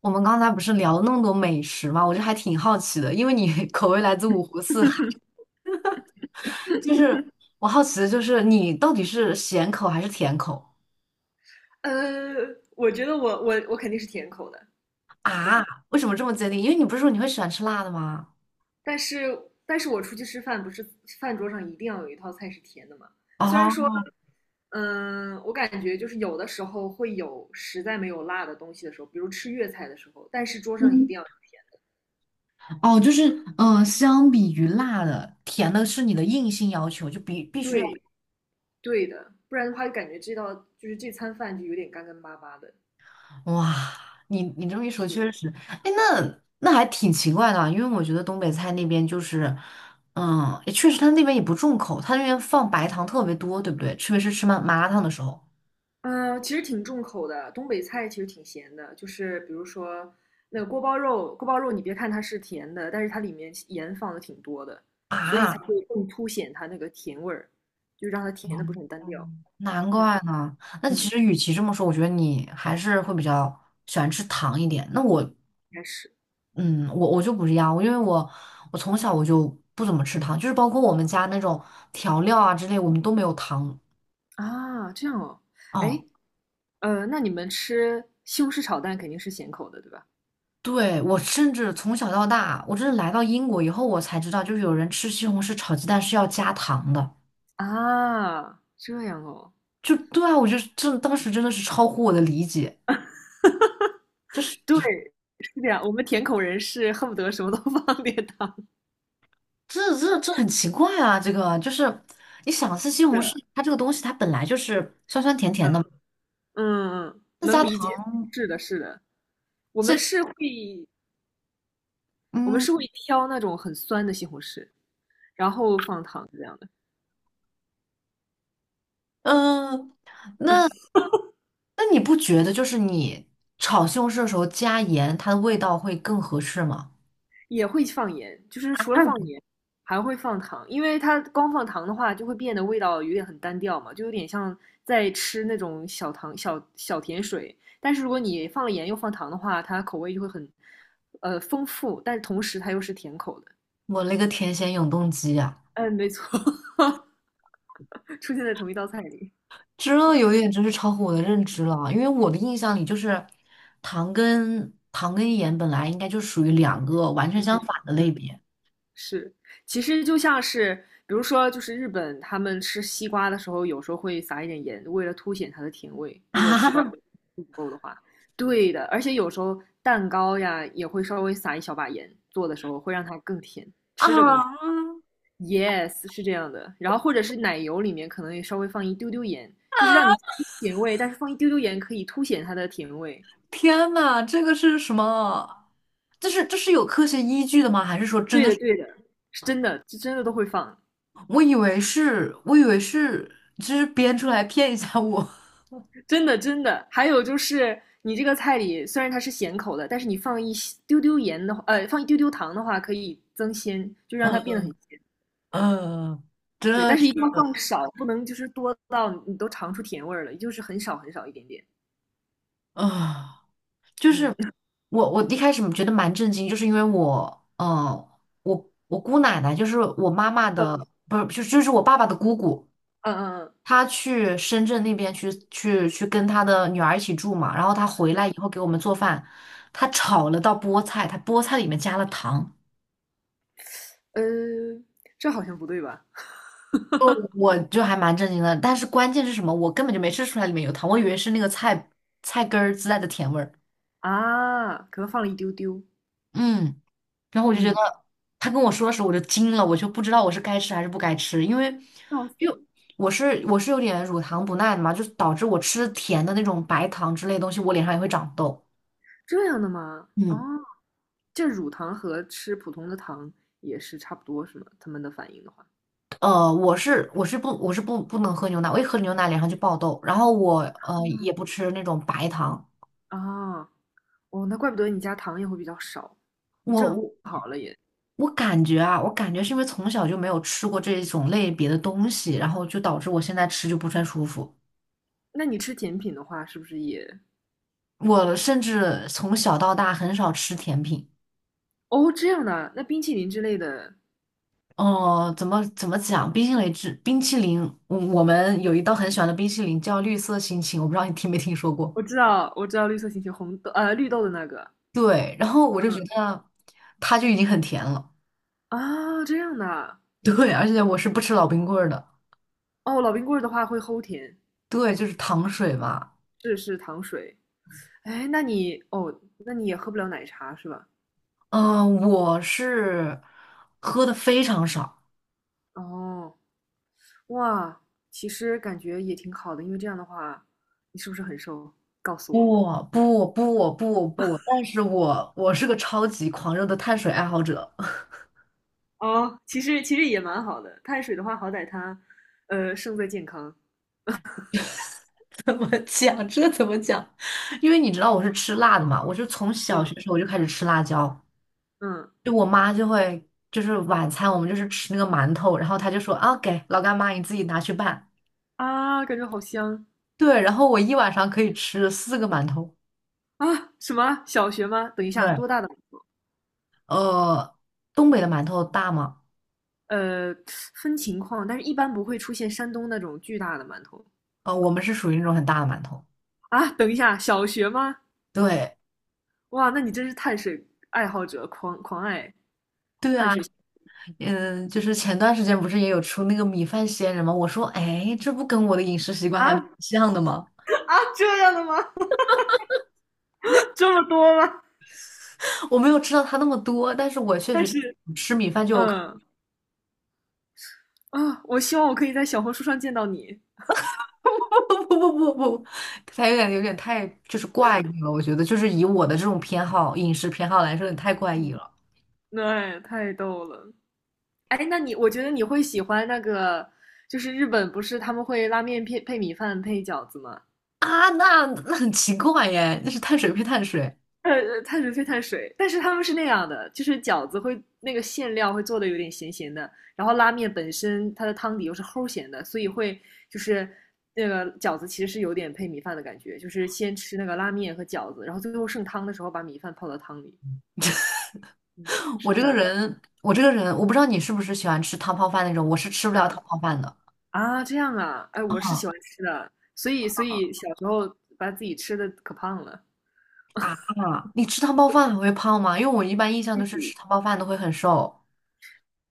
我们刚才不是聊了那么多美食嘛，我就还挺好奇的，因为你 口味来自五湖四海，就是我好奇的就是你到底是咸口还是甜口呃，我觉得我肯定是甜口的，说实啊？话。为什么这么坚定？因为你不是说你会喜欢吃辣的吗？但是但是我出去吃饭，不是饭桌上一定要有一套菜是甜的嘛？虽然说，哦，我感觉就是有的时候会有实在没有辣的东西的时候，比如吃粤菜的时候，但是桌上一嗯定要哦，就是相比于辣的，甜的是你的硬性要求，就必须要。对对的，不然的话就感觉这餐饭就有点干干巴巴的。哇，你这么一说，是确的，实，哎，那还挺奇怪的啊，因为我觉得东北菜那边就是，嗯，也确实他那边也不重口，他那边放白糖特别多，对不对？特别是吃麻辣烫的时候嗯，其实挺重口的，东北菜其实挺咸的，就是比如说那个锅包肉，锅包肉你别看它是甜的，但是它里面盐放的挺多的，所以才啊，会更凸显它那个甜味儿，就让它甜的不是很单调。难嗯怪呢。那其嗯，实与其这么说，我觉得你还是会比较喜欢吃糖一点。那我，应该是嗯，我就不一样，因为我从小我就不怎么吃糖，就是包括我们家那种调料啊之类，我们都没有糖。啊，这样哦。哦。哎，那你们吃西红柿炒蛋肯定是咸口的，对吧？对，我甚至从小到大，我真的来到英国以后，我才知道，就是有人吃西红柿炒鸡蛋是要加糖的。啊，这样哦，就对啊，我就是这当时真的是超乎我的理解，就是对，是这样，我们甜口人是恨不得什么都 放点糖这很奇怪啊！这个就是你想吃西红的，柿，它这个东西它本来就是酸酸甜甜嗯。的嘛，嗯嗯，那能加理解，糖，是的，是的，我们这是会我们嗯是会挑那种很酸的西红柿，然后放糖这样的，嗯，那那你不觉得就是你炒西红柿的时候加盐，它的味道会更合适吗？也会放盐，就是除了放盐，还会放糖，因为它光放糖的话，就会变得味道有点很单调嘛，就有点像在吃那种小糖小小甜水。但是如果你放了盐又放糖的话，它口味就会很丰富，但是同时它又是甜口的。我那个甜咸永动机啊！嗯，没错，出现在同一道菜里。这有点真是超乎我的认知了啊，因为我的印象里就是糖跟盐本来应该就属于两个完全嗯，相反的类别是，其实就像是，比如说，就是日本他们吃西瓜的时候，有时候会撒一点盐，为了凸显它的甜味。啊 如果西瓜不够的话，对的。而且有时候蛋糕呀，也会稍微撒一小把盐，做的时候会让它更甜。啊！Yes,是这样的。然后或者是奶油里面可能也稍微放一丢丢盐，就是让你甜味，但是放一丢丢盐可以凸显它的甜味。天呐，这个是什么？这是有科学依据的吗？还是说真对的的，是？对的，是真的，是真的都会放。我以为是，就是编出来骗一下我。真的真的。还有就是你这个菜里虽然它是咸口的，但是你放一丢丢盐的话，放一丢丢糖的话，可以增鲜，就让它变得很鲜。嗯、对，这但是是一定要放少，不能就是多到你都尝出甜味儿了，就是很少很少一点点。啊。就是嗯我，我一开始觉得蛮震惊，就是因为我，我姑奶奶就是我妈妈的，嗯不是，就是我爸爸的姑姑，嗯嗯她去深圳那边去跟她的女儿一起住嘛，然后她回嗯，来以后给我们做饭，她炒了道菠菜，她菠菜里面加了糖，呃，这好像不对吧？哦，我就还蛮震惊的，但是关键是什么？我根本就没吃出来里面有糖，我以为是那个菜根儿自带的甜味儿，啊，可能放了一丢丢。嗯。然后我就觉嗯，得他跟我说的时候，我就惊了，我就不知道我是该吃还是不该吃，因为哦，因为我是有点乳糖不耐的嘛，就是导致我吃甜的那种白糖之类的东西，我脸上也会长痘。这样的吗？哦，嗯，这乳糖和吃普通的糖也是差不多是吗？他们的反应的话，我是不能喝牛奶，我一喝牛奶脸上就爆痘，然后我也不吃那种白糖，啊，哦，那怪不得你家糖也会比较少，我正我好了也。我感觉啊，我感觉是因为从小就没有吃过这种类别的东西，然后就导致我现在吃就不太舒服。那你吃甜品的话，是不是也。我甚至从小到大很少吃甜品。哦，这样的啊那冰淇淋之类的，哦，怎么讲？冰淇淋，嗯，我们有一道很喜欢的冰淇淋叫绿色心情，我不知道你听没听说过。我知道，我知道绿色星球绿豆的那个，对，然后我就觉嗯得它就已经很甜了。这样的啊对，而且我是不吃老冰棍儿的。哦，老冰棍儿的话会齁甜，对，就是糖水嘛。是糖水。哎，那你也喝不了奶茶是吧？嗯、我是喝的非常少。哦，哇，其实感觉也挺好的，因为这样的话，你是不是很瘦？告诉我。不，但是我是个超级狂热的碳水爱好者。哦，其实也蛮好的，碳水的话，好歹它，胜在健康。怎么讲？这怎么讲？因为你知道我是吃辣的嘛，我是从小学嗯时候我就开始吃辣椒。嗯就我妈就会就是晚餐我们就是吃那个馒头，然后她就说啊给老干妈你自己拿去拌。啊，感觉好香对，然后我一晚上可以吃四个馒头。啊！什么小学吗？等一下，对，多大的？呃，东北的馒头大吗？呃，分情况，但是一般不会出现山东那种巨大的馒头呃，我们是属于那种很大的馒头。啊。等一下，小学吗？对，哇，那你真是碳水爱好者，狂爱对啊，嗯，就是前段时间不是也有出那个米饭仙人吗？我说，哎，这不跟我的饮食习惯啊还蛮啊！像的吗？这样的吗？这么多吗？我没有吃到它那么多，但是我确但实就是，吃米饭就有。嗯我希望我可以在小红书上见到你。不不不不，他有点太就是怪异了，我觉得就是以我的这种饮食偏好来说，有点太怪异了对，太逗了。哎，那你我觉得你会喜欢那个，就是日本不是他们会拉面配米饭配饺子吗？啊！那很奇怪耶，那是碳水配碳水。碳水配碳水，但是他们是那样的，就是饺子会那个馅料会做的有点咸咸的，然后拉面本身它的汤底又是齁咸的，所以会就是那个饺子其实是有点配米饭的感觉，就是先吃那个拉面和饺子，然后最后剩汤的时候把米饭泡到汤里，嗯，我是这这个样的人，我这个人，我不知道你是不是喜欢吃汤泡饭那种，我是吃不了汤嗯泡饭的这样啊，哎，我是喜欢吃的，所以小时候把自己吃的可胖了。啊。你吃汤泡饭还会胖吗？因为我一般印象都是吃汤泡饭都会很瘦。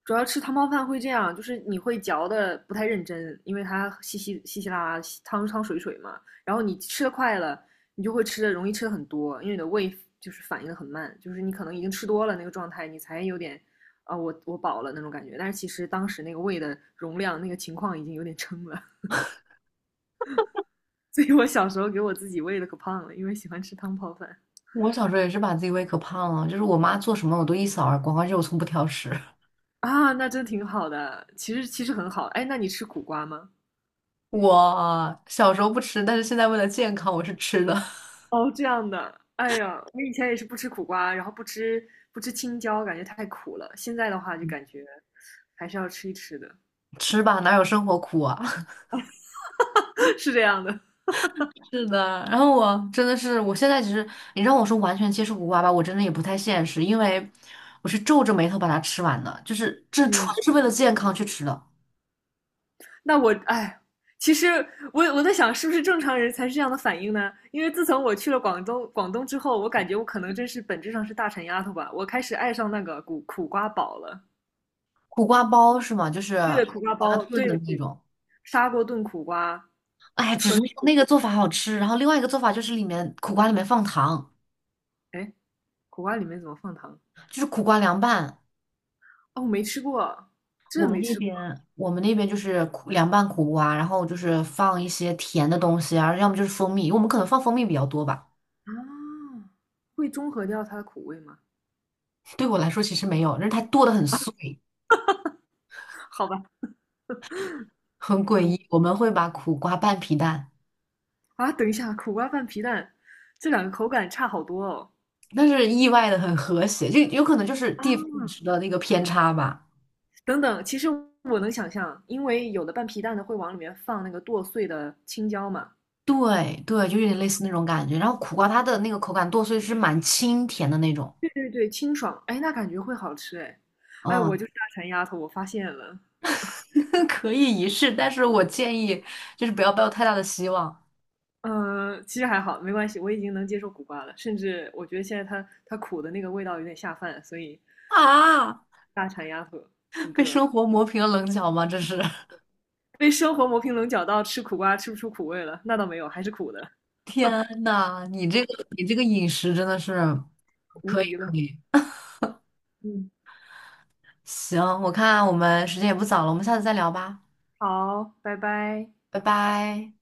主要吃汤泡饭会这样，就是你会嚼的不太认真，因为它稀稀稀稀拉拉、汤汤水水嘛。然后你吃的快了，你就会吃的容易吃的很多，因为你的胃就是反应的很慢，就是你可能已经吃多了那个状态，你才有点我饱了那种感觉。但是其实当时那个胃的容量、那个情况已经有点撑了，所以我小时候给我自己喂的可胖了，因为喜欢吃汤泡饭我小时候也是把自己胃可胖了，就是我妈做什么我都一扫而光，而且我从不挑食。啊，那真挺好的。其实其实很好。哎，那你吃苦瓜吗？我小时候不吃，但是现在为了健康，我是吃的。哦，这样的，哎呀，我以前也是不吃苦瓜，然后不吃青椒，感觉太苦了。现在的话就感觉还是要吃一吃的，吃吧，哪有生活苦啊？是这样的。是的，然后我，真的是，我现在其实你让我说完全接受苦瓜吧，我真的也不太现实，因为我是皱着眉头把它吃完的，就是这纯嗯，是为了健康去吃的。那我哎，其实我在想，是不是正常人才是这样的反应呢？因为自从我去了广东之后，我感觉我可能真是本质上是大馋丫头吧，我开始爱上那个苦瓜煲了。苦瓜包是吗？就是对的，苦苦瓜瓜煲，炖对的的，那对的种。砂锅炖苦瓜，哎，只是纯，那个做法好吃，然后另外一个做法就是里面苦瓜里面放糖，哎，苦瓜里面怎么放糖？就是苦瓜凉拌。哦，我没吃过，真我的们没那吃边我们那边就是苦凉拌苦瓜，然后就是放一些甜的东西啊，要么就是蜂蜜，我们可能放蜂蜜比较多吧。啊，会中和掉它的苦味吗？对我来说其实没有，但是它剁得很碎，好吧，很诡嗯，异。我们会把苦瓜拌皮蛋，啊，等一下，苦瓜拌皮蛋，这两个口感差好多哦。但是意外的很和谐，就有可能就是啊，地方饮食的那个偏差吧。等等，其实我能想象，因为有的拌皮蛋的会往里面放那个剁碎的青椒嘛。对对，就有点类似那种感觉。然后苦瓜它的那个口感剁碎是蛮清甜的那种，对对对，清爽，哎，那感觉会好吃哎。哎，我嗯，就是大馋丫头，我发现了。可以一试，但是我建议就是不要抱有太大的希望嗯，其实还好，没关系，我已经能接受苦瓜了，甚至我觉得现在它苦的那个味道有点下饭，所以啊！大馋丫头一被个。生活磨平了棱角吗？这是，被生活磨平棱角到吃苦瓜吃不出苦味了，那倒没有，还是苦的，天呐，你这个饮食真的是无可以敌了。可以。嗯，行，我看我们时间也不早了，我们下次再聊吧，好，拜拜。拜拜。